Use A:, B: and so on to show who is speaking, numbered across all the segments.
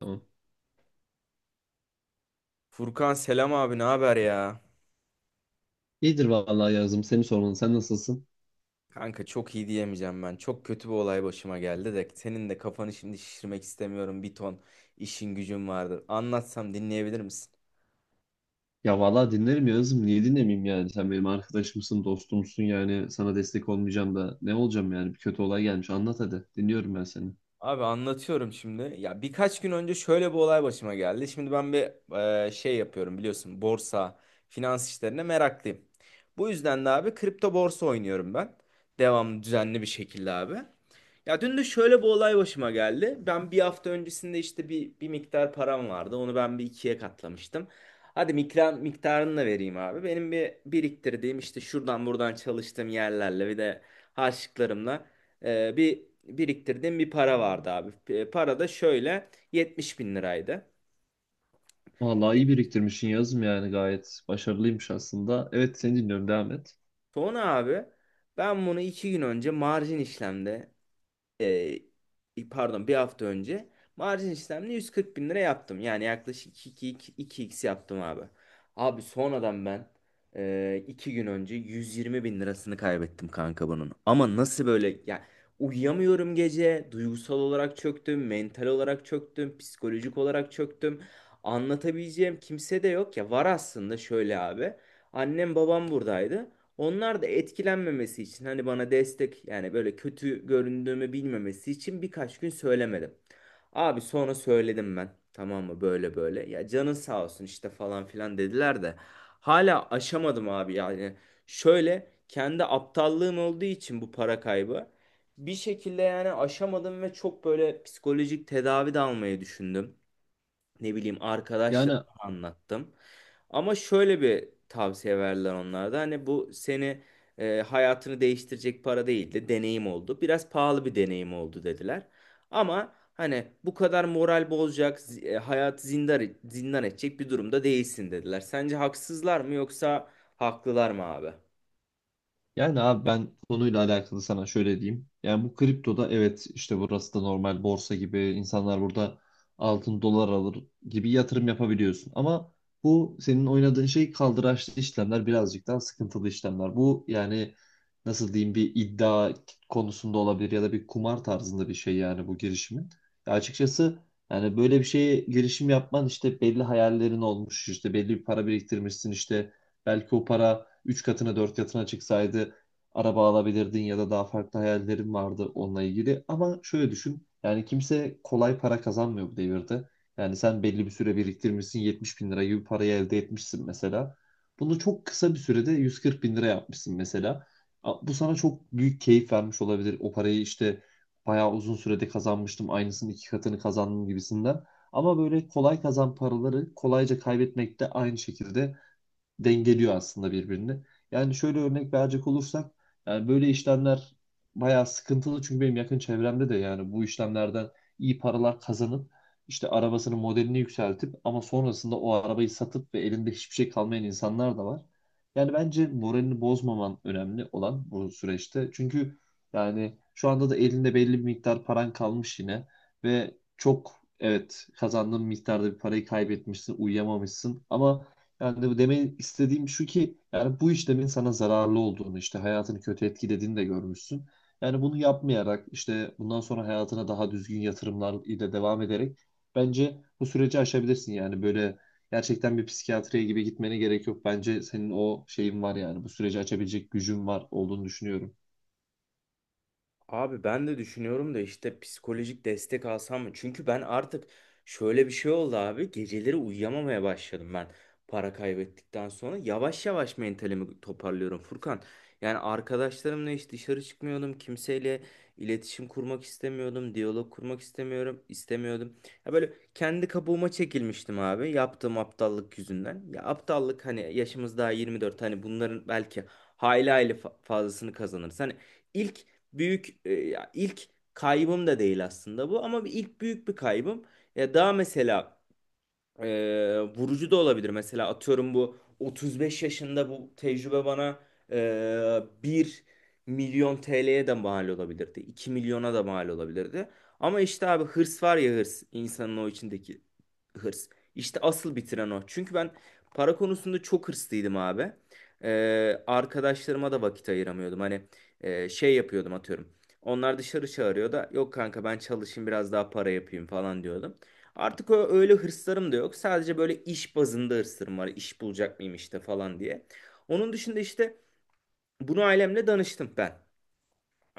A: Tamam.
B: Furkan selam abi ne haber ya?
A: İyidir vallahi Yağız'ım. Seni sormalı. Sen nasılsın?
B: Kanka çok iyi diyemeyeceğim ben. Çok kötü bir olay başıma geldi de senin de kafanı şimdi şişirmek istemiyorum. Bir ton işin gücün vardı. Anlatsam dinleyebilir misin?
A: Ya vallahi dinlerim Yağız'ım. Niye dinlemeyeyim yani? Sen benim arkadaşımsın, dostumsun yani. Sana destek olmayacağım da ne olacağım yani? Bir kötü olay gelmiş. Anlat hadi. Dinliyorum ben seni.
B: Abi anlatıyorum şimdi. Ya birkaç gün önce şöyle bir olay başıma geldi. Şimdi ben bir şey yapıyorum biliyorsun. Borsa, finans işlerine meraklıyım. Bu yüzden de abi kripto borsa oynuyorum ben. Devamlı düzenli bir şekilde abi. Ya dün de şöyle bir olay başıma geldi. Ben bir hafta öncesinde işte bir miktar param vardı. Onu ben bir ikiye katlamıştım. Hadi miktarını da vereyim abi. Benim bir biriktirdiğim işte şuradan buradan çalıştığım yerlerle bir de harçlıklarımla bir biriktirdiğim bir para vardı abi. Para da şöyle 70 bin liraydı.
A: Vallahi iyi biriktirmişsin Yağız'ım yani. Gayet başarılıymış aslında. Evet seni dinliyorum. Devam et.
B: Sonra abi ben bunu iki gün önce marjin işlemde e, pardon bir hafta önce marjin işlemle 140 bin lira yaptım. Yani yaklaşık iki x yaptım abi. Abi sonradan ben iki gün önce 120 bin lirasını kaybettim kanka bunun. Ama nasıl böyle ya, uyuyamıyorum gece, duygusal olarak çöktüm, mental olarak çöktüm, psikolojik olarak çöktüm. Anlatabileceğim kimse de yok, ya var aslında şöyle abi. Annem babam buradaydı. Onlar da etkilenmemesi için, hani bana destek, yani böyle kötü göründüğümü bilmemesi için birkaç gün söylemedim. Abi sonra söyledim ben. Tamam mı, böyle böyle. Ya canın sağ olsun işte falan filan dediler de. Hala aşamadım abi yani. Şöyle kendi aptallığım olduğu için bu para kaybı. Bir şekilde yani aşamadım ve çok böyle psikolojik tedavi de almayı düşündüm. Ne bileyim
A: Yani
B: arkadaşlarıma anlattım. Ama şöyle bir tavsiye verdiler onlarda. Hani bu seni hayatını değiştirecek para değil de deneyim oldu. Biraz pahalı bir deneyim oldu dediler. Ama hani bu kadar moral bozacak, hayatı zindan edecek bir durumda değilsin dediler. Sence haksızlar mı yoksa haklılar mı abi?
A: abi ben konuyla alakalı sana şöyle diyeyim. Yani bu kriptoda evet işte burası da normal borsa gibi insanlar burada altın dolar alır gibi yatırım yapabiliyorsun. Ama bu senin oynadığın şey kaldıraçlı işlemler birazcık daha sıkıntılı işlemler. Bu yani nasıl diyeyim, bir iddia konusunda olabilir ya da bir kumar tarzında bir şey yani bu girişimin. Ya açıkçası yani böyle bir şeye girişim yapman, işte belli hayallerin olmuş, işte belli bir para biriktirmişsin işte. Belki o para 3 katına 4 katına çıksaydı araba alabilirdin ya da daha farklı hayallerin vardı onunla ilgili. Ama şöyle düşün. Yani kimse kolay para kazanmıyor bu devirde. Yani sen belli bir süre biriktirmişsin, 70 bin lira gibi parayı elde etmişsin mesela. Bunu çok kısa bir sürede 140 bin lira yapmışsın mesela. Bu sana çok büyük keyif vermiş olabilir. O parayı işte bayağı uzun sürede kazanmıştım. Aynısının iki katını kazandım gibisinden. Ama böyle kolay kazan paraları kolayca kaybetmek de aynı şekilde dengeliyor aslında birbirini. Yani şöyle örnek verecek olursak yani böyle işlemler bayağı sıkıntılı, çünkü benim yakın çevremde de yani bu işlemlerden iyi paralar kazanıp işte arabasının modelini yükseltip ama sonrasında o arabayı satıp ve elinde hiçbir şey kalmayan insanlar da var. Yani bence moralini bozmaman önemli olan bu süreçte. Çünkü yani şu anda da elinde belli bir miktar paran kalmış yine ve çok, evet, kazandığın miktarda bir parayı kaybetmişsin, uyuyamamışsın, ama yani bu demin istediğim şu ki yani bu işlemin sana zararlı olduğunu, işte hayatını kötü etkilediğini de görmüşsün. Yani bunu yapmayarak, işte bundan sonra hayatına daha düzgün yatırımlar ile devam ederek bence bu süreci aşabilirsin. Yani böyle gerçekten bir psikiyatriye gibi gitmene gerek yok. Bence senin o şeyin var, yani bu süreci açabilecek gücün var olduğunu düşünüyorum.
B: Abi ben de düşünüyorum da işte psikolojik destek alsam mı? Çünkü ben artık şöyle bir şey oldu abi. Geceleri uyuyamamaya başladım ben para kaybettikten sonra. Yavaş yavaş mentalimi toparlıyorum Furkan. Yani arkadaşlarımla hiç dışarı çıkmıyordum. Kimseyle iletişim kurmak istemiyordum. Diyalog kurmak istemiyordum. Ya böyle kendi kabuğuma çekilmiştim abi, yaptığım aptallık yüzünden. Ya aptallık, hani yaşımız daha 24, hani bunların belki hayli hayli fazlasını kazanırız. Hani ilk büyük ya ilk kaybım da değil aslında bu, ama bir ilk büyük bir kaybım. Ya daha mesela vurucu da olabilir. Mesela atıyorum bu 35 yaşında bu tecrübe bana 1 milyon TL'ye de mal olabilirdi. 2 milyona da mal olabilirdi. Ama işte abi hırs var ya, hırs. İnsanın o içindeki hırs. İşte asıl bitiren o. Çünkü ben para konusunda çok hırslıydım abi. Arkadaşlarıma da vakit ayıramıyordum. Hani şey yapıyordum, atıyorum. Onlar dışarı çağırıyor da yok kanka ben çalışayım biraz daha para yapayım falan diyordum. Artık o öyle hırslarım da yok. Sadece böyle iş bazında hırslarım var. İş bulacak mıyım işte falan diye. Onun dışında işte bunu ailemle danıştım ben.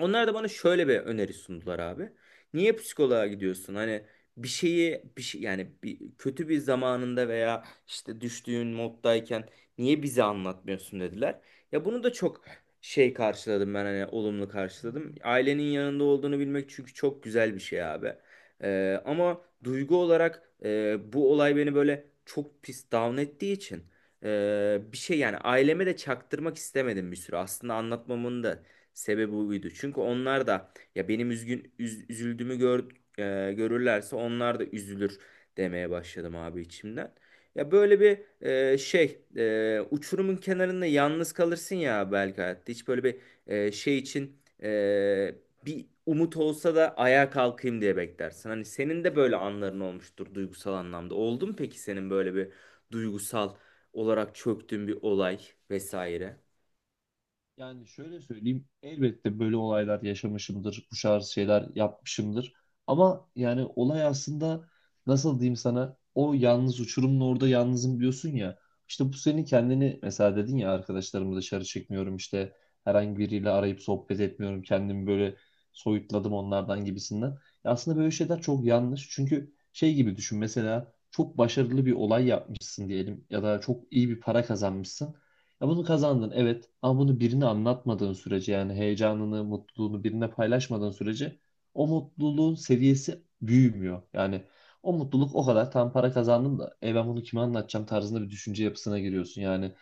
B: Onlar da bana şöyle bir öneri sundular abi. Niye psikoloğa gidiyorsun? Hani bir şeyi bir şey, yani bir kötü bir zamanında veya işte düştüğün moddayken niye bize anlatmıyorsun dediler. Ya bunu da çok şey karşıladım ben, hani olumlu karşıladım. Ailenin yanında olduğunu bilmek çünkü çok güzel bir şey abi. Ama duygu olarak bu olay beni böyle çok pis down ettiği için bir şey yani aileme de çaktırmak istemedim bir süre. Aslında anlatmamın da sebebi buydu. Çünkü onlar da ya benim üzüldüğümü görürlerse onlar da üzülür demeye başladım abi içimden. Ya böyle bir uçurumun kenarında yalnız kalırsın ya belki hayatta. Hiç böyle bir için e, bir umut olsa da ayağa kalkayım diye beklersin. Hani senin de böyle anların olmuştur duygusal anlamda. Oldu mu peki senin böyle bir duygusal olarak çöktüğün bir olay vesaire?
A: Yani şöyle söyleyeyim, elbette böyle olaylar yaşamışımdır, bu tarz şeyler yapmışımdır. Ama yani olay aslında nasıl diyeyim sana, o yalnız uçurumun orada yalnızım diyorsun ya. İşte bu senin kendini mesela dedin ya, arkadaşlarımı dışarı çekmiyorum, işte herhangi biriyle arayıp sohbet etmiyorum, kendimi böyle soyutladım onlardan gibisinden. Ya aslında böyle şeyler çok yanlış, çünkü şey gibi düşün, mesela çok başarılı bir olay yapmışsın diyelim ya da çok iyi bir para kazanmışsın. Ya bunu kazandın evet, ama bunu birine anlatmadığın sürece, yani heyecanını, mutluluğunu birine paylaşmadığın sürece o mutluluğun seviyesi büyümüyor. Yani o mutluluk o kadar tam, para kazandım da ben bunu kime anlatacağım tarzında bir düşünce yapısına giriyorsun. Yani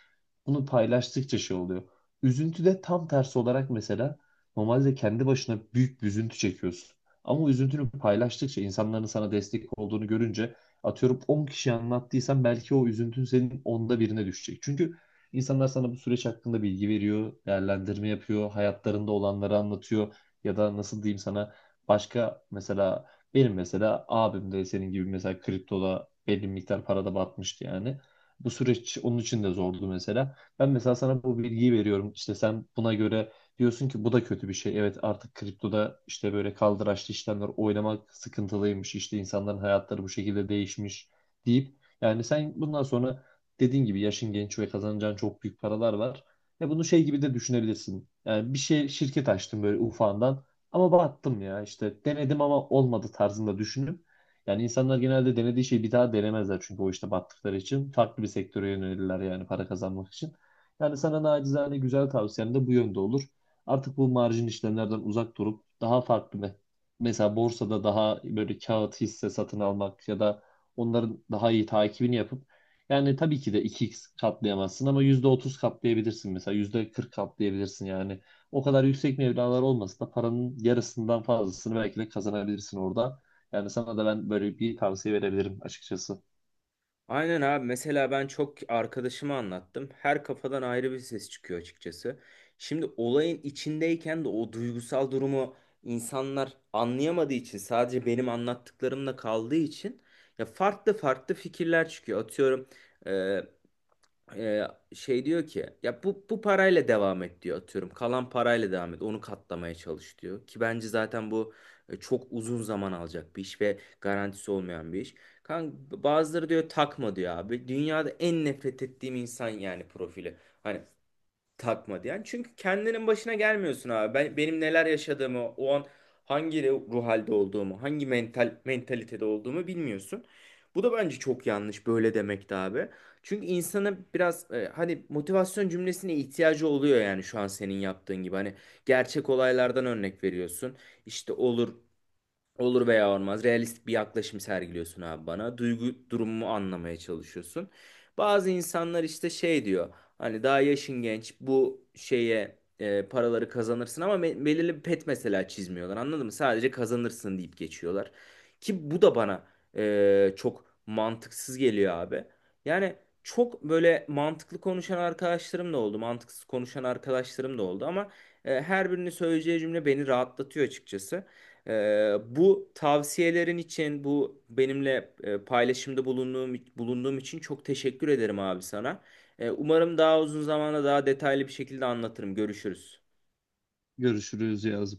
A: bunu paylaştıkça şey oluyor. Üzüntü de tam tersi olarak mesela normalde kendi başına büyük bir üzüntü çekiyorsun. Ama o üzüntünü paylaştıkça, insanların sana destek olduğunu görünce, atıyorum 10 kişiye anlattıysan, belki o üzüntün senin onda birine düşecek. Çünkü İnsanlar sana bu süreç hakkında bilgi veriyor, değerlendirme yapıyor, hayatlarında olanları anlatıyor ya da nasıl diyeyim sana, başka mesela benim mesela abim de senin gibi mesela kriptoda belli bir miktar parada batmıştı yani. Bu süreç onun için de zordu mesela. Ben mesela sana bu bilgiyi veriyorum. İşte sen buna göre diyorsun ki bu da kötü bir şey. Evet, artık kriptoda işte böyle kaldıraçlı işlemler oynamak sıkıntılıymış. İşte insanların hayatları bu şekilde değişmiş deyip yani sen bundan sonra dediğin gibi yaşın genç ve kazanacağın çok büyük paralar var. Ve bunu şey gibi de düşünebilirsin. Yani bir şey, şirket açtım böyle ufağından ama battım ya, işte denedim ama olmadı tarzında düşünüp yani insanlar genelde denediği şeyi bir daha denemezler, çünkü o işte battıkları için farklı bir sektöre yönelirler, yani para kazanmak için. Yani sana nacizane güzel tavsiyem de bu yönde olur. Artık bu marjin işlemlerden uzak durup daha farklı mesela borsada daha böyle kağıt hisse satın almak ya da onların daha iyi takibini yapıp, yani tabii ki de iki x katlayamazsın ama %30 katlayabilirsin mesela, %40 katlayabilirsin yani. O kadar yüksek meblağlar olmasa da paranın yarısından fazlasını belki de kazanabilirsin orada. Yani sana da ben böyle bir tavsiye verebilirim açıkçası.
B: Aynen abi, mesela ben çok arkadaşıma anlattım. Her kafadan ayrı bir ses çıkıyor açıkçası. Şimdi olayın içindeyken de o duygusal durumu insanlar anlayamadığı için, sadece benim anlattıklarımla kaldığı için ya farklı farklı fikirler çıkıyor. Atıyorum ee, şey diyor ki, ya bu parayla devam et diyor, atıyorum. Kalan parayla devam et. Onu katlamaya çalış diyor. Ki bence zaten bu çok uzun zaman alacak bir iş ve garantisi olmayan bir iş. Kanka bazıları diyor takma diyor abi. Dünyada en nefret ettiğim insan yani profili. Hani takma diyen. Çünkü kendinin başına gelmiyorsun abi. Benim neler yaşadığımı, o an hangi ruh halde olduğumu, hangi mentalitede olduğumu bilmiyorsun. Bu da bence çok yanlış böyle demek de abi. Çünkü insana biraz hani motivasyon cümlesine ihtiyacı oluyor, yani şu an senin yaptığın gibi. Hani gerçek olaylardan örnek veriyorsun. İşte olur veya olmaz. Realistik bir yaklaşım sergiliyorsun abi bana. Duygu durumumu anlamaya çalışıyorsun. Bazı insanlar işte şey diyor. Hani daha yaşın genç bu şeye paraları kazanırsın ama belirli bir pet mesela çizmiyorlar. Anladın mı? Sadece kazanırsın deyip geçiyorlar. Ki bu da bana çok mantıksız geliyor abi. Yani çok böyle mantıklı konuşan arkadaşlarım da oldu. Mantıksız konuşan arkadaşlarım da oldu ama her birinin söyleyeceği cümle beni rahatlatıyor açıkçası. Bu tavsiyelerin için, bu benimle paylaşımda bulunduğum için çok teşekkür ederim abi sana. Umarım daha uzun zamanda daha detaylı bir şekilde anlatırım. Görüşürüz.
A: Görüşürüz, yaz.